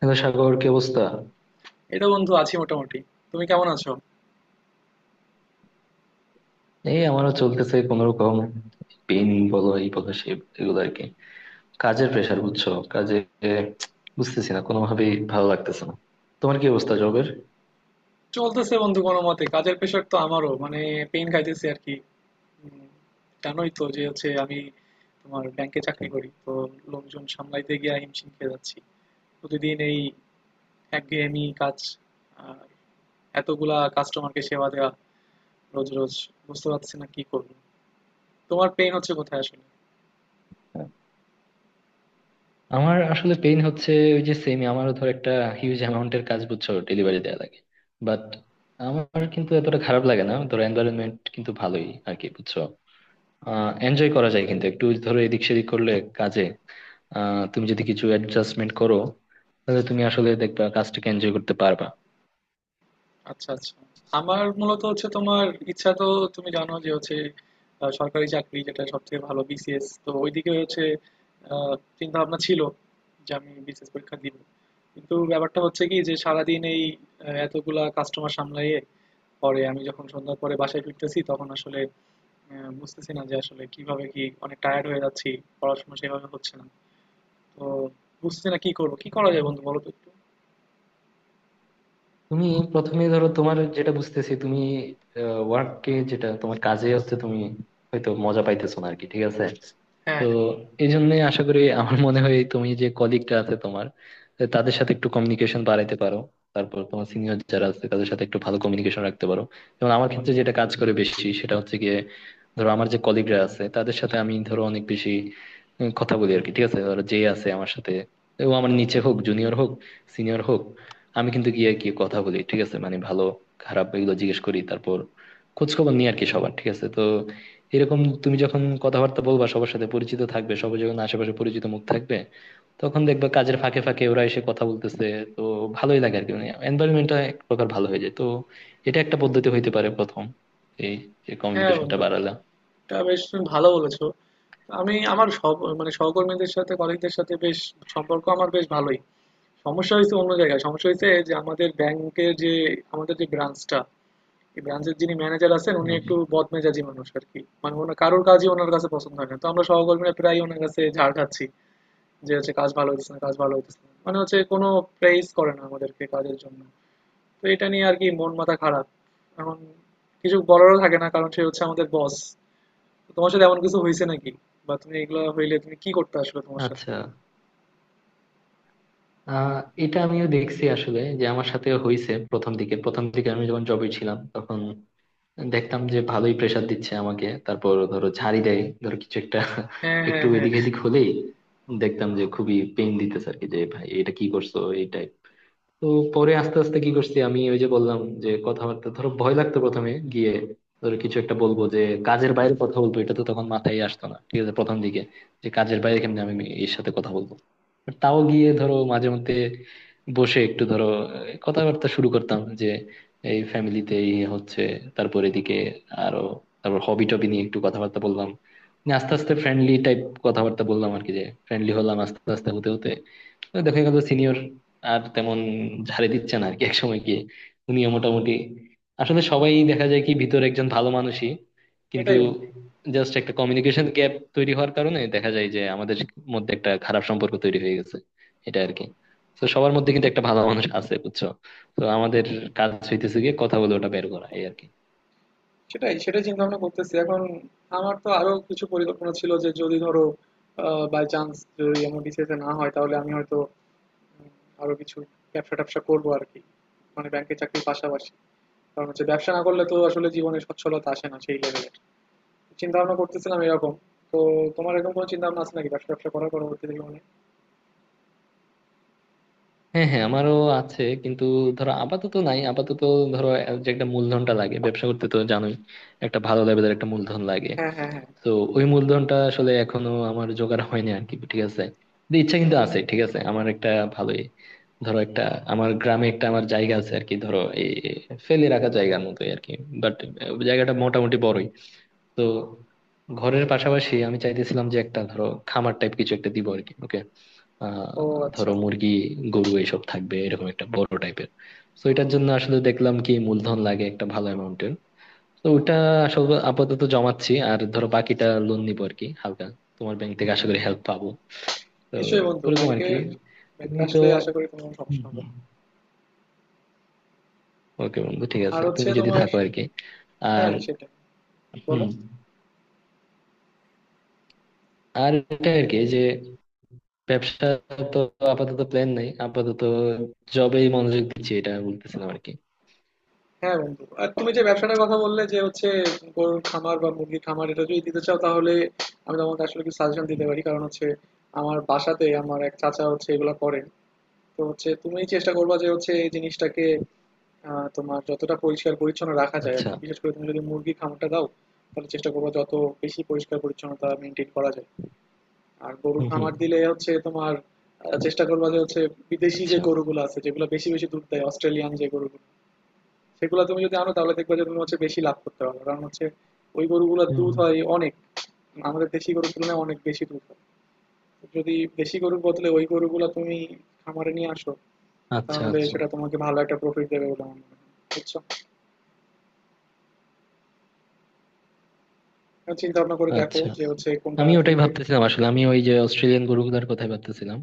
Hello Sagar, কি অবস্থা? এই তো বন্ধু আছি মোটামুটি। তুমি কেমন আছো? এই, আমারও চলতেছে কোন রকম। পেন। বলো, এই বলো সে, এগুলো আর কি। কাজের প্রেশার বুঝছো কাজে। বুঝতেছি না, কোনোভাবেই ভালো লাগতেছে না। তোমার কি অবস্থা জবের? চলতেছে বন্ধু কোনো মতে, কাজের প্রেশার তো আমারও, মানে পেন খাইতেছি আর কি। উম, জানোই তো যে হচ্ছে আমি তোমার ব্যাংকে চাকরি করি তো, লোকজন সামলাইতে গিয়ে হিমশিম খেয়ে যাচ্ছি। প্রতিদিন এই একঘেয়েমি কাজ, আর এতগুলা কাস্টমারকে সেবা দেওয়া রোজ রোজ। বুঝতে পারছি না কি করবো। তোমার পেন হচ্ছে কোথায় আসলে? আমার আসলে পেইন হচ্ছে, ওই যে সেম আমারও, ধর একটা হিউজ অ্যামাউন্টের কাজ, বুঝছো, ডেলিভারি দেওয়া লাগে। বাট আমার কিন্তু এতটা খারাপ লাগে না, ধর এনভায়রনমেন্ট কিন্তু ভালোই আর কি, বুঝছো। এনজয় করা যায়, কিন্তু একটু ধরো এদিক সেদিক করলে কাজে। তুমি যদি কিছু অ্যাডজাস্টমেন্ট করো, তাহলে তুমি আসলে দেখবা কাজটাকে এনজয় করতে পারবা। আচ্ছা আচ্ছা, আমার মূলত হচ্ছে তোমার ইচ্ছা তো, তুমি জানো যে হচ্ছে সরকারি চাকরি যেটা সব থেকে ভালো বিসিএস, তো ওইদিকে হচ্ছে চিন্তা ভাবনা ছিল যে আমি বিসিএস পরীক্ষা দিব। কিন্তু ব্যাপারটা হচ্ছে কি, যে সারাদিন এই এতগুলা কাস্টমার সামলাইয়ে পরে আমি যখন সন্ধ্যার পরে বাসায় ফিরতেছি, তখন আসলে বুঝতেছি না যে আসলে কিভাবে কি, অনেক টায়ার্ড হয়ে যাচ্ছি, পড়াশোনা সেভাবে হচ্ছে না। তো বুঝতেছি না কি করবো, কি করা যায় বন্ধু বলো তো একটু। তুমি প্রথমে ধরো তোমার যেটা বুঝতেছি, তুমি ওয়ার্ককে, যেটা তোমার কাজে হচ্ছে, তুমি হয়তো মজা পাইতেছো না আর কি, ঠিক আছে। হ্যাঁ তো হ্যাঁ এই জন্য আশা করি, আমার মনে হয় তুমি যে কলিগটা আছে তোমার, তাদের সাথে একটু কমিউনিকেশন বাড়াইতে পারো। তারপর তোমার সিনিয়র যারা আছে, তাদের সাথে একটু ভালো কমিউনিকেশন রাখতে পারো। যেমন আমার ক্ষেত্রে যেটা কাজ করে বেশি, সেটা হচ্ছে গিয়ে, ধরো আমার যে কলিগরা আছে তাদের সাথে আমি ধরো অনেক বেশি কথা বলি আর কি। ঠিক আছে, ধরো যে আছে আমার সাথে, ও আমার নিচে হোক, জুনিয়র হোক, সিনিয়র হোক, আমি কিন্তু গিয়ে আর কি কথা বলি। ঠিক আছে, মানে ভালো খারাপ এগুলো জিজ্ঞেস করি, তারপর খোঁজ খবর নিই আর কি সবার, ঠিক আছে তো। এরকম তুমি যখন কথাবার্তা বলবা সবার সাথে, পরিচিত থাকবে সবার, যখন আশেপাশে পরিচিত মুখ থাকবে, তখন দেখবা কাজের ফাঁকে ফাঁকে ওরা এসে কথা বলতেছে। তো ভালোই লাগে আর কি, মানে এনভায়রনমেন্টটা এক প্রকার ভালো হয়ে যায়। তো এটা একটা পদ্ধতি হইতে পারে প্রথম, এই যে হ্যাঁ, কমিউনিকেশনটা বন্ধু বাড়ালাম। এটা বেশ তুমি ভালো বলেছো। আমি আমার সব মানে সহকর্মীদের সাথে, কলিগদের সাথে বেশ সম্পর্ক, আমার বেশ ভালোই। সমস্যা হয়েছে অন্য জায়গায়, সমস্যা হয়েছে যে আমাদের ব্যাংকের যে আমাদের যে ব্রাঞ্চটা, এই ব্রাঞ্চের যিনি ম্যানেজার আছেন উনি হ্যাঁ একটু হ্যাঁ। বদমেজাজি মানুষ আর কি, মানে ওনার কারোর কাজই ওনার কাছে পছন্দ হয় না, তো আমরা সহকর্মীরা প্রায় ওনার কাছে ঝাড় খাচ্ছি যে হচ্ছে কাজ ভালো হইতেছে না, কাজ ভালো হইতেছে না, মানে হচ্ছে কোনো প্রেইজ করে না আমাদেরকে কাজের জন্য। তো এটা নিয়ে আর কি মন মাথা খারাপ। এখন কিছু বলারও থাকে না, কারণ সে হচ্ছে আমাদের বস। তো তোমার সাথে এমন কিছু হয়েছে নাকি, বা তুমি এগুলো হইলে তুমি কি করতে আসলে তোমার সাথে? আচ্ছা। আহ এটা আমিও দেখছি আসলে, যে আমার সাথে হয়েছে। প্রথম দিকে আমি যখন জবে ছিলাম তখন দেখতাম যে ভালোই প্রেসার দিচ্ছে আমাকে, তারপর ধরো ঝাড়ি দেয়, ধরো কিছু একটা হ্যাঁ হ্যাঁ একটু হ্যাঁ। এদিক এদিক হলেই দেখতাম যে খুবই পেন দিতেছে আর কি, যে ভাই এটা কি করছো, এই টাইপ। তো পরে আস্তে আস্তে কি করছি আমি, ওই যে বললাম, যে কথাবার্তা, ধরো ভয় লাগতো প্রথমে গিয়ে, ধরো কিছু একটা বলবো, যে কাজের বাইরে কথা বলবো, এটা তো তখন মাথায় আসতো না। ঠিক আছে, প্রথম দিকে যে কাজের বাইরে কেমনি আমি এর সাথে কথা বলবো। তাও গিয়ে ধরো মাঝে মধ্যে বসে একটু ধরো কথাবার্তা শুরু করতাম, যে এই ফ্যামিলিতে এই হচ্ছে, তারপর এদিকে আরো, তারপর হবি টবি নিয়ে একটু কথাবার্তা বললাম, নিয়ে আস্তে আস্তে ফ্রেন্ডলি টাইপ কথাবার্তা বললাম আর কি, যে ফ্রেন্ডলি হলাম আস্তে আস্তে, হতে হতে। তো দেখা গেল সিনিয়র আর তেমন ঝাড়ে দিচ্ছে না আর কি, একসময় গিয়ে উনিও মোটামুটি আসলে, সবাই দেখা যায় কি ভিতরে একজন ভালো মানুষই, কিন্তু এটাই বন্ধু। জাস্ট একটা কমিউনিকেশন গ্যাপ তৈরি হওয়ার কারণে দেখা যায় যে আমাদের মধ্যে একটা খারাপ সম্পর্ক তৈরি হয়ে গেছে, এটা আর কি। তো সবার মধ্যে কিন্তু একটা ভালো মানুষ আছে, বুঝছো। তো আমাদের কাজ হইতেছে গিয়ে কথা বলে ওটা বের করা, এই আর কি। সেটাই সেটাই চিন্তা ভাবনা করতেছি এখন। আমার তো আরো কিছু পরিকল্পনা ছিল, যে যদি ধরো বাই চান্স যদি আমার বিসিএস না হয়, তাহলে আমি হয়তো উম, আরো কিছু ব্যবসা ট্যাবসা করবো আর কি, মানে ব্যাংকের চাকরির পাশাপাশি। কারণ হচ্ছে ব্যবসা না করলে তো আসলে জীবনে সচ্ছলতা আসে না সেই লেভেলে। চিন্তা ভাবনা করতেছিলাম এরকম। তো তোমার এরকম কোনো চিন্তা ভাবনা আছে নাকি ব্যবসা ট্যাবসা করার পরবর্তীতে জীবনে? হ্যাঁ হ্যাঁ, আমারও আছে, কিন্তু ধরো আপাতত নাই। আপাতত ধরো, যে একটা মূলধনটা লাগে ব্যবসা করতে তো জানোই, একটা ভালো লেভেলের একটা মূলধন লাগে। হ্যাঁ হ্যাঁ হ্যাঁ। তো ওই মূলধনটা আসলে এখনো আমার জোগাড় হয়নি আর কি, ঠিক আছে। কিন্তু ইচ্ছা কিন্তু আছে, ঠিক আছে, আমার একটা ভালোই ধরো একটা, আমার গ্রামে একটা আমার জায়গা আছে আর কি, ধরো এই ফেলে রাখা জায়গার মতোই আর কি। বাট জায়গাটা মোটামুটি বড়ই। তো ঘরের পাশাপাশি আমি চাইতেছিলাম যে একটা ধরো খামার টাইপ কিছু একটা দিব আর কি, ওকে। ও আচ্ছা। ধরো মুরগি গরু এইসব থাকবে, এরকম একটা বড় টাইপের। তো এটার জন্য আসলে দেখলাম কি, মূলধন লাগে একটা ভালো অ্যামাউন্টের। তো ওটা আসলে আপাতত জমাচ্ছি, আর ধরো বাকিটা লোন নিবো আর কি হালকা, তোমার ব্যাংক থেকে আশা করি হেল্প পাবো, তো নিশ্চয়ই বন্ধু, ওরকম আর কি। ব্যাংকের ব্যাংক তুমি তো, আসলে আশা করি তোমার কোনো সমস্যা হবে না। ওকে বন্ধু, ঠিক আর আছে, হচ্ছে তুমি যদি তোমার, থাকো আর কি। আর হ্যাঁ সেটাই, হুম, বলো। আর এটা আর কি, যে ব্যবসা, তো আপাতত প্ল্যান নাই, আপাতত জবেই মনোযোগ দিচ্ছি, এটা বলতেছিলাম আর কি। হ্যাঁ বন্ধু, আর তুমি যে ব্যবসাটার কথা বললে যে হচ্ছে গরুর খামার বা মুরগির খামার, এটা যদি দিতে চাও তাহলে আমি তোমাকে আসলে কিছু সাজেশন দিতে পারি। কারণ হচ্ছে আমার বাসাতে আমার এক চাচা হচ্ছে এগুলো করেন। তো হচ্ছে তুমি চেষ্টা করবা যে হচ্ছে এই জিনিসটাকে তোমার যতটা পরিষ্কার পরিচ্ছন্ন রাখা যায় আর আচ্ছা। কি, বিশেষ করে তুমি যদি মুরগির খামারটা দাও তাহলে চেষ্টা করবা যত বেশি পরিষ্কার পরিচ্ছন্নতা মেনটেন করা যায়। আর গরুর হুম হুম। খামার দিলে হচ্ছে তোমার চেষ্টা করবা যে হচ্ছে বিদেশি যে আচ্ছা। গরুগুলো আছে যেগুলো বেশি বেশি দুধ দেয়, অস্ট্রেলিয়ান যে গরুগুলো, সেগুলো তুমি যদি আনো তাহলে দেখবা যে তুমি হচ্ছে বেশি লাভ করতে পারবে। কারণ হচ্ছে ওই গরুগুলোর হুম দুধ হুম। হয় অনেক, আমাদের দেশি গরুর তুলনায় অনেক বেশি দুধ হয়। যদি দেশি গরুর বদলে ওই গরুগুলো তুমি খামারে নিয়ে আসো আচ্ছা তাহলে আচ্ছা। সেটা তোমাকে ভালো একটা প্রফিট দেবে বলে আমার মনে হয়। বুঝছো? চিন্তা ভাবনা করে দেখো আচ্ছা, যে হচ্ছে কোনটা আমি ওটাই তুমি করতে চাও। ভাবতেছিলাম আসলে, আমি ওই যে অস্ট্রেলিয়ান গরুগুলার কথাই ভাবতেছিলাম।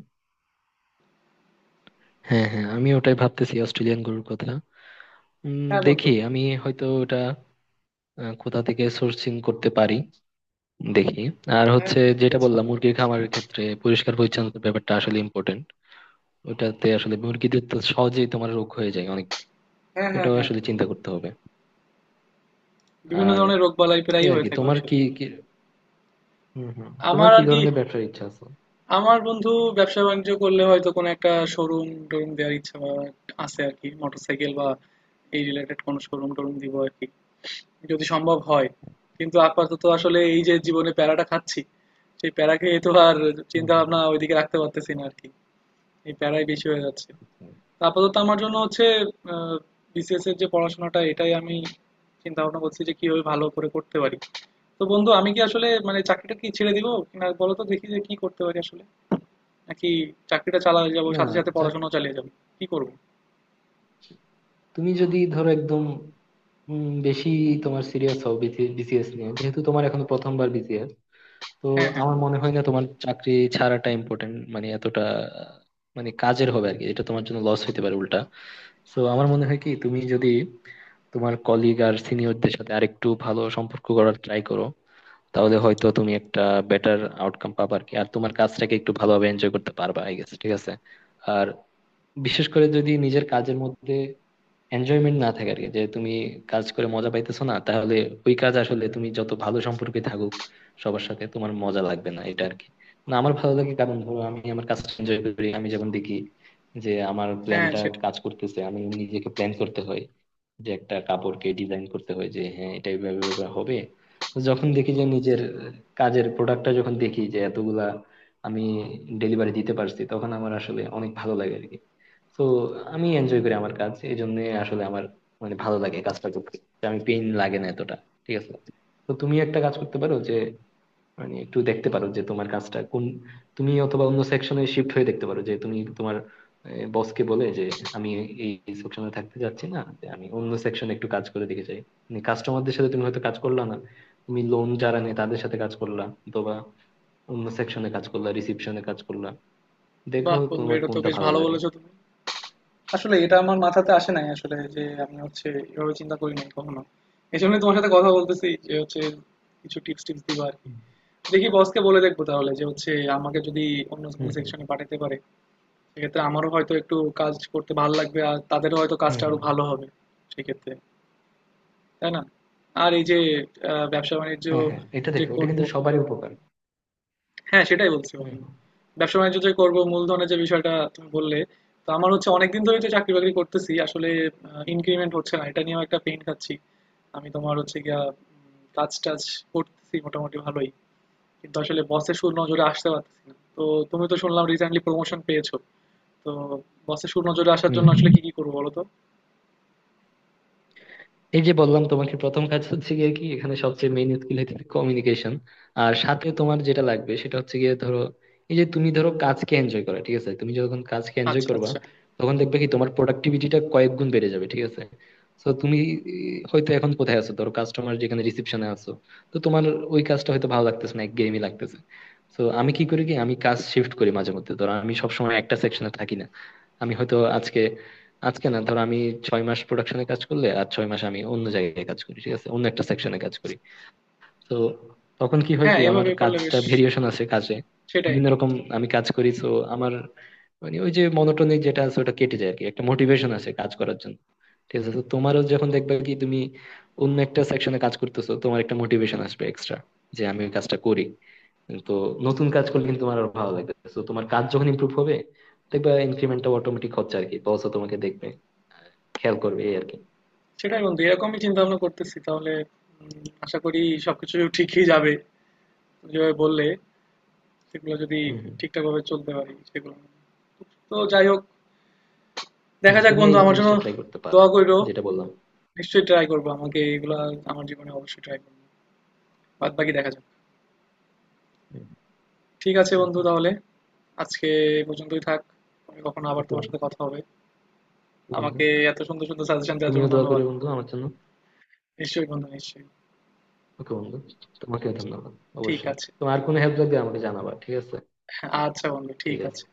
হ্যাঁ হ্যাঁ, আমি ওটাই ভাবতেছি অস্ট্রেলিয়ান গরুর কথা। হ্যাঁ বন্ধু। দেখি আমি হয়তো ওটা কোথা থেকে সোর্সিং করতে পারি, দেখি। আর হ্যাঁ হচ্ছে, ঠিক যেটা আছে। বললাম, মুরগির খামারের ক্ষেত্রে পরিষ্কার পরিচ্ছন্নতার ব্যাপারটা আসলে ইম্পর্টেন্ট। ওটাতে আসলে মুরগিদের তো সহজেই তোমার রোগ হয়ে যায় অনেক, হ্যাঁ হ্যাঁ ওটাও হ্যাঁ। আসলে চিন্তা করতে হবে। বিভিন্ন আর ধরনের রোগবালাই এই প্রায়ই আর হয়ে কি থাকে তোমার ওইসব। কি কি, হম হম, তোমার আমার কি আর কি, ধরনের ব্যবসার ইচ্ছা আছে? আমার বন্ধু ব্যবসা বাণিজ্য করলে হয়তো কোনো একটা শোরুম টোরুম দেওয়ার ইচ্ছা বা আছে আর কি, মোটরসাইকেল বা এই রিলেটেড কোনো শোরুম টোরুম দিব আর কি, যদি সম্ভব হয়। কিন্তু আপাতত আসলে এই যে জীবনে প্যারাটা খাচ্ছি, সেই প্যারা খেয়ে তো আর হুম, চিন্তা হুম, ভাবনা ওইদিকে রাখতে পারতেছি না আর কি। এই প্যারাই বেশি হয়ে যাচ্ছে। হুম। তো আপাতত আমার জন্য হচ্ছে বিসিএস এর যে পড়াশোনাটা, এটাই আমি চিন্তা ভাবনা করছি যে কিভাবে ভালো করে করতে পারি। তো বন্ধু আমি কি আসলে মানে চাকরিটা কি ছেড়ে দিব না, বলো তো দেখি যে কি করতে পারি আসলে, নাকি চাকরিটা চালাতে যাবো না, সাথে সাথে চাক- পড়াশোনাও চালিয়ে যাবো, কি করব? তুমি যদি ধরো একদম বেশি তোমার সিরিয়াস হও বিসিএস নিয়ে, যেহেতু তোমার এখন প্রথমবার বিসিএস, তো হ্যাঁ হ্যাঁ আমার মনে হয় না তোমার চাকরি ছাড়াটা ইম্পর্টেন্ট, মানে এতটা আহ, মানে কাজের হবে আর কি, এটা তোমার জন্য লস হতে পারে উল্টা। তো আমার মনে হয় কি, তুমি যদি তোমার কলিগ আর সিনিয়রদের সাথে আরেকটু ভালো সম্পর্ক করার ট্রাই করো, তাহলে হয়তো তুমি একটা বেটার আউটকাম পাবা আর কি, আর তোমার কাজটাকে একটু ভালোভাবে এনজয় করতে পারবা, আই গেস, ঠিক আছে। আর বিশেষ করে যদি নিজের কাজের মধ্যে এনজয়মেন্ট না থাকে আর কি, যে তুমি কাজ করে মজা পাইতেছো না, তাহলে ওই কাজ আসলে, তুমি যত ভালো সম্পর্কে থাকুক সবার সাথে, তোমার মজা লাগবে না, এটা আর কি। না, আমার ভালো লাগে, কারণ ধরো আমি আমার কাজটা এনজয় করি, আমি যখন দেখি যে আমার হ্যাঁ। প্ল্যানটা সেটাই। কাজ করতেছে, আমি নিজেকে প্ল্যান করতে হয়, যে একটা কাপড়কে ডিজাইন করতে হয়, যে হ্যাঁ এটা এইভাবে এইভাবে হবে। তো যখন দেখি যে নিজের কাজের প্রোডাক্টটা, যখন দেখি যে এতগুলা আমি ডেলিভারি দিতে পারছি, তখন আমার আসলে অনেক ভালো লাগে আর কি। তো আমি এনজয় করি আমার কাজ, এই জন্য আসলে আমার মানে ভালো লাগে কাজটা করতে, যে আমি পেইন লাগে না এতটা, ঠিক আছে। তো তুমি একটা কাজ করতে পারো, যে মানে একটু দেখতে পারো যে তোমার কাজটা কোন, তুমি অথবা অন্য সেকশনে শিফট হয়ে দেখতে পারো, যে তুমি তোমার বসকে বলে, যে আমি এই সেকশনে থাকতে যাচ্ছি না, যে আমি অন্য সেকশনে একটু কাজ করে দেখে চাই। মানে কাস্টমারদের সাথে তুমি হয়তো কাজ করলা না, তুমি লোন যারা নেয় তাদের সাথে কাজ করলা, অথবা অন্য সেকশনে কাজ করলা, রিসিপশনে কাজ করলা, দেখো বাহ বন্ধু, তোমার এটা তো কোনটা বেশ ভালো ভালো লাগে। বলেছো তুমি। আসলে এটা আমার মাথাতে আসে নাই আসলে, যে আমি হচ্ছে এভাবে চিন্তা করি নাই কখনো। এই জন্যই তোমার সাথে কথা বলতেছি যে হচ্ছে কিছু টিপস টিপস দিবা আর কি। হুম দেখি বসকে বলে দেখবো তাহলে যে হচ্ছে আমাকে যদি অন্য হুম। কোনো সেকশনে পাঠাতে পারে। সেক্ষেত্রে আমারও হয়তো একটু কাজ করতে ভালো লাগবে, আর তাদেরও হয়তো হুম কাজটা আরো হুম। ভালো হবে সেক্ষেত্রে, তাই না? আর এই যে ব্যবসা বাণিজ্য হ্যাঁ হ্যাঁ, এটা যে দেখো, এটা করব, কিন্তু সবারই উপকার। হ্যাঁ, সেটাই বলছি হুম বন্ধু। হুম। ব্যবসা-বাণিজ্য যে করব, মূলধনের যে বিষয়টা তুমি বললে, তো আমার হচ্ছে অনেকদিন ধরেই তো চাকরি-বাকরি করতেছি। আসলে ইনক্রিমেন্ট হচ্ছে না। এটা নিয়েও একটা পেইন খাচ্ছি। আমি তোমার হচ্ছে গিয়া কাজ-টাজ করতেছি মোটামুটি ভালোই। কিন্তু আসলে বসের সুনজরে আসতে পারতেছি না। তো তুমি তো শুনলাম রিসেন্টলি প্রমোশন পেয়েছো। তো বসের সুনজরে আসার হুম জন্য হুম। আসলে কি, কি করবো বলো তো? এই যে বললাম তোমাকে, প্রথম কাজ হচ্ছে গিয়ে কি, এখানে সবচেয়ে মেইন স্কিল হচ্ছে কমিউনিকেশন, আর সাথে তোমার যেটা লাগবে, সেটা হচ্ছে গিয়ে ধরো এই যে তুমি ধরো কাজকে এনজয় করা। ঠিক আছে, তুমি যখন কাজকে এনজয় আচ্ছা, করবা, আচ্ছা। তখন দেখবে কি তোমার প্রোডাক্টিভিটিটা কয়েক গুণ বেড়ে যাবে, ঠিক আছে। তো তুমি হয়তো এখন কোথায় আছো, ধরো কাস্টমার যেখানে, রিসেপশনে আছো, তো তোমার ওই কাজটা হয়তো ভালো লাগতেছে না, একঘেয়েমি লাগতেছে। তো আমি কি করি কি, আমি কাজ শিফট করি মাঝে মধ্যে, ধরো আমি সবসময় একটা সেকশনে থাকি না, আমি হয়তো আজকে, আজকে না, ধরো আমি ছয় মাস প্রোডাকশনে কাজ করলে আর ছয় মাস আমি অন্য জায়গায় কাজ করি, ঠিক আছে, অন্য একটা সেকশনে কাজ করি। তো তখন কি হয় হ্যাঁ, কি, আমার এভাবে করলে বেশ, কাজটা ভেরিয়েশন আছে কাজে, সেটাই। বিভিন্ন রকম আমি কাজ করি, তো আমার মানে ওই যে মনোটনিক যেটা আছে ওটা কেটে যায় আর কি, একটা মোটিভেশন আছে কাজ করার জন্য। ঠিক আছে, তো তোমারও যখন দেখবে কি তুমি অন্য একটা সেকশনে কাজ করতেছো, তোমার একটা মোটিভেশন আসবে এক্সট্রা, যে আমি ওই কাজটা করি। তো নতুন কাজ করলে কিন্তু তোমার আর ভালো লাগবে, তো তোমার কাজ যখন ইমপ্রুভ হবে, দেখবে ইনক্রিমেন্টটা অটোমেটিক হচ্ছে আর কি, বস তোমাকে দেখবে, আহ, খেয়াল করবে, এই আর কি। সেটাই বন্ধু, এরকমই চিন্তা-ভাবনা করতেছি। তাহলে আশা করি সবকিছু ঠিকই যাবে। তুমি যেভাবে বললে সেগুলো যদি হম হম। ঠিকঠাকভাবে চলতে পারি সেগুলো। তো যাই হোক, হম, দেখা যাক তুমি বন্ধু। এই আমার জন্য জিনিসটা ট্রাই করতে পারো, দোয়া করো। যেটা বললাম। নিশ্চয়ই ট্রাই করবো, আমাকে এগুলা আমার জীবনে অবশ্যই ট্রাই করবো। বাদ বাকি দেখা যাক। ঠিক আছে বন্ধু, তাহলে আজকে এই পর্যন্তই থাক, পরে কখনো আবার ওকে তোমার সাথে কথা হবে। বন্ধু। আমাকে এত সুন্দর সুন্দর সাজেশন দেওয়ার জন্য তুমিও দোয়া ধন্যবাদ। করি বন্ধু আমার জন্য। নিশ্চয়ই বন্ধু, নিশ্চয়ই। ওকে বন্ধু, তোমাকেও ধন্যবাদ। ঠিক অবশ্যই, আছে। তোমার কোনো হেল্প লাগবে আমাকে জানাবা, ঠিক আছে। আচ্ছা বন্ধু ঠিক ঠিক আছে। আছে।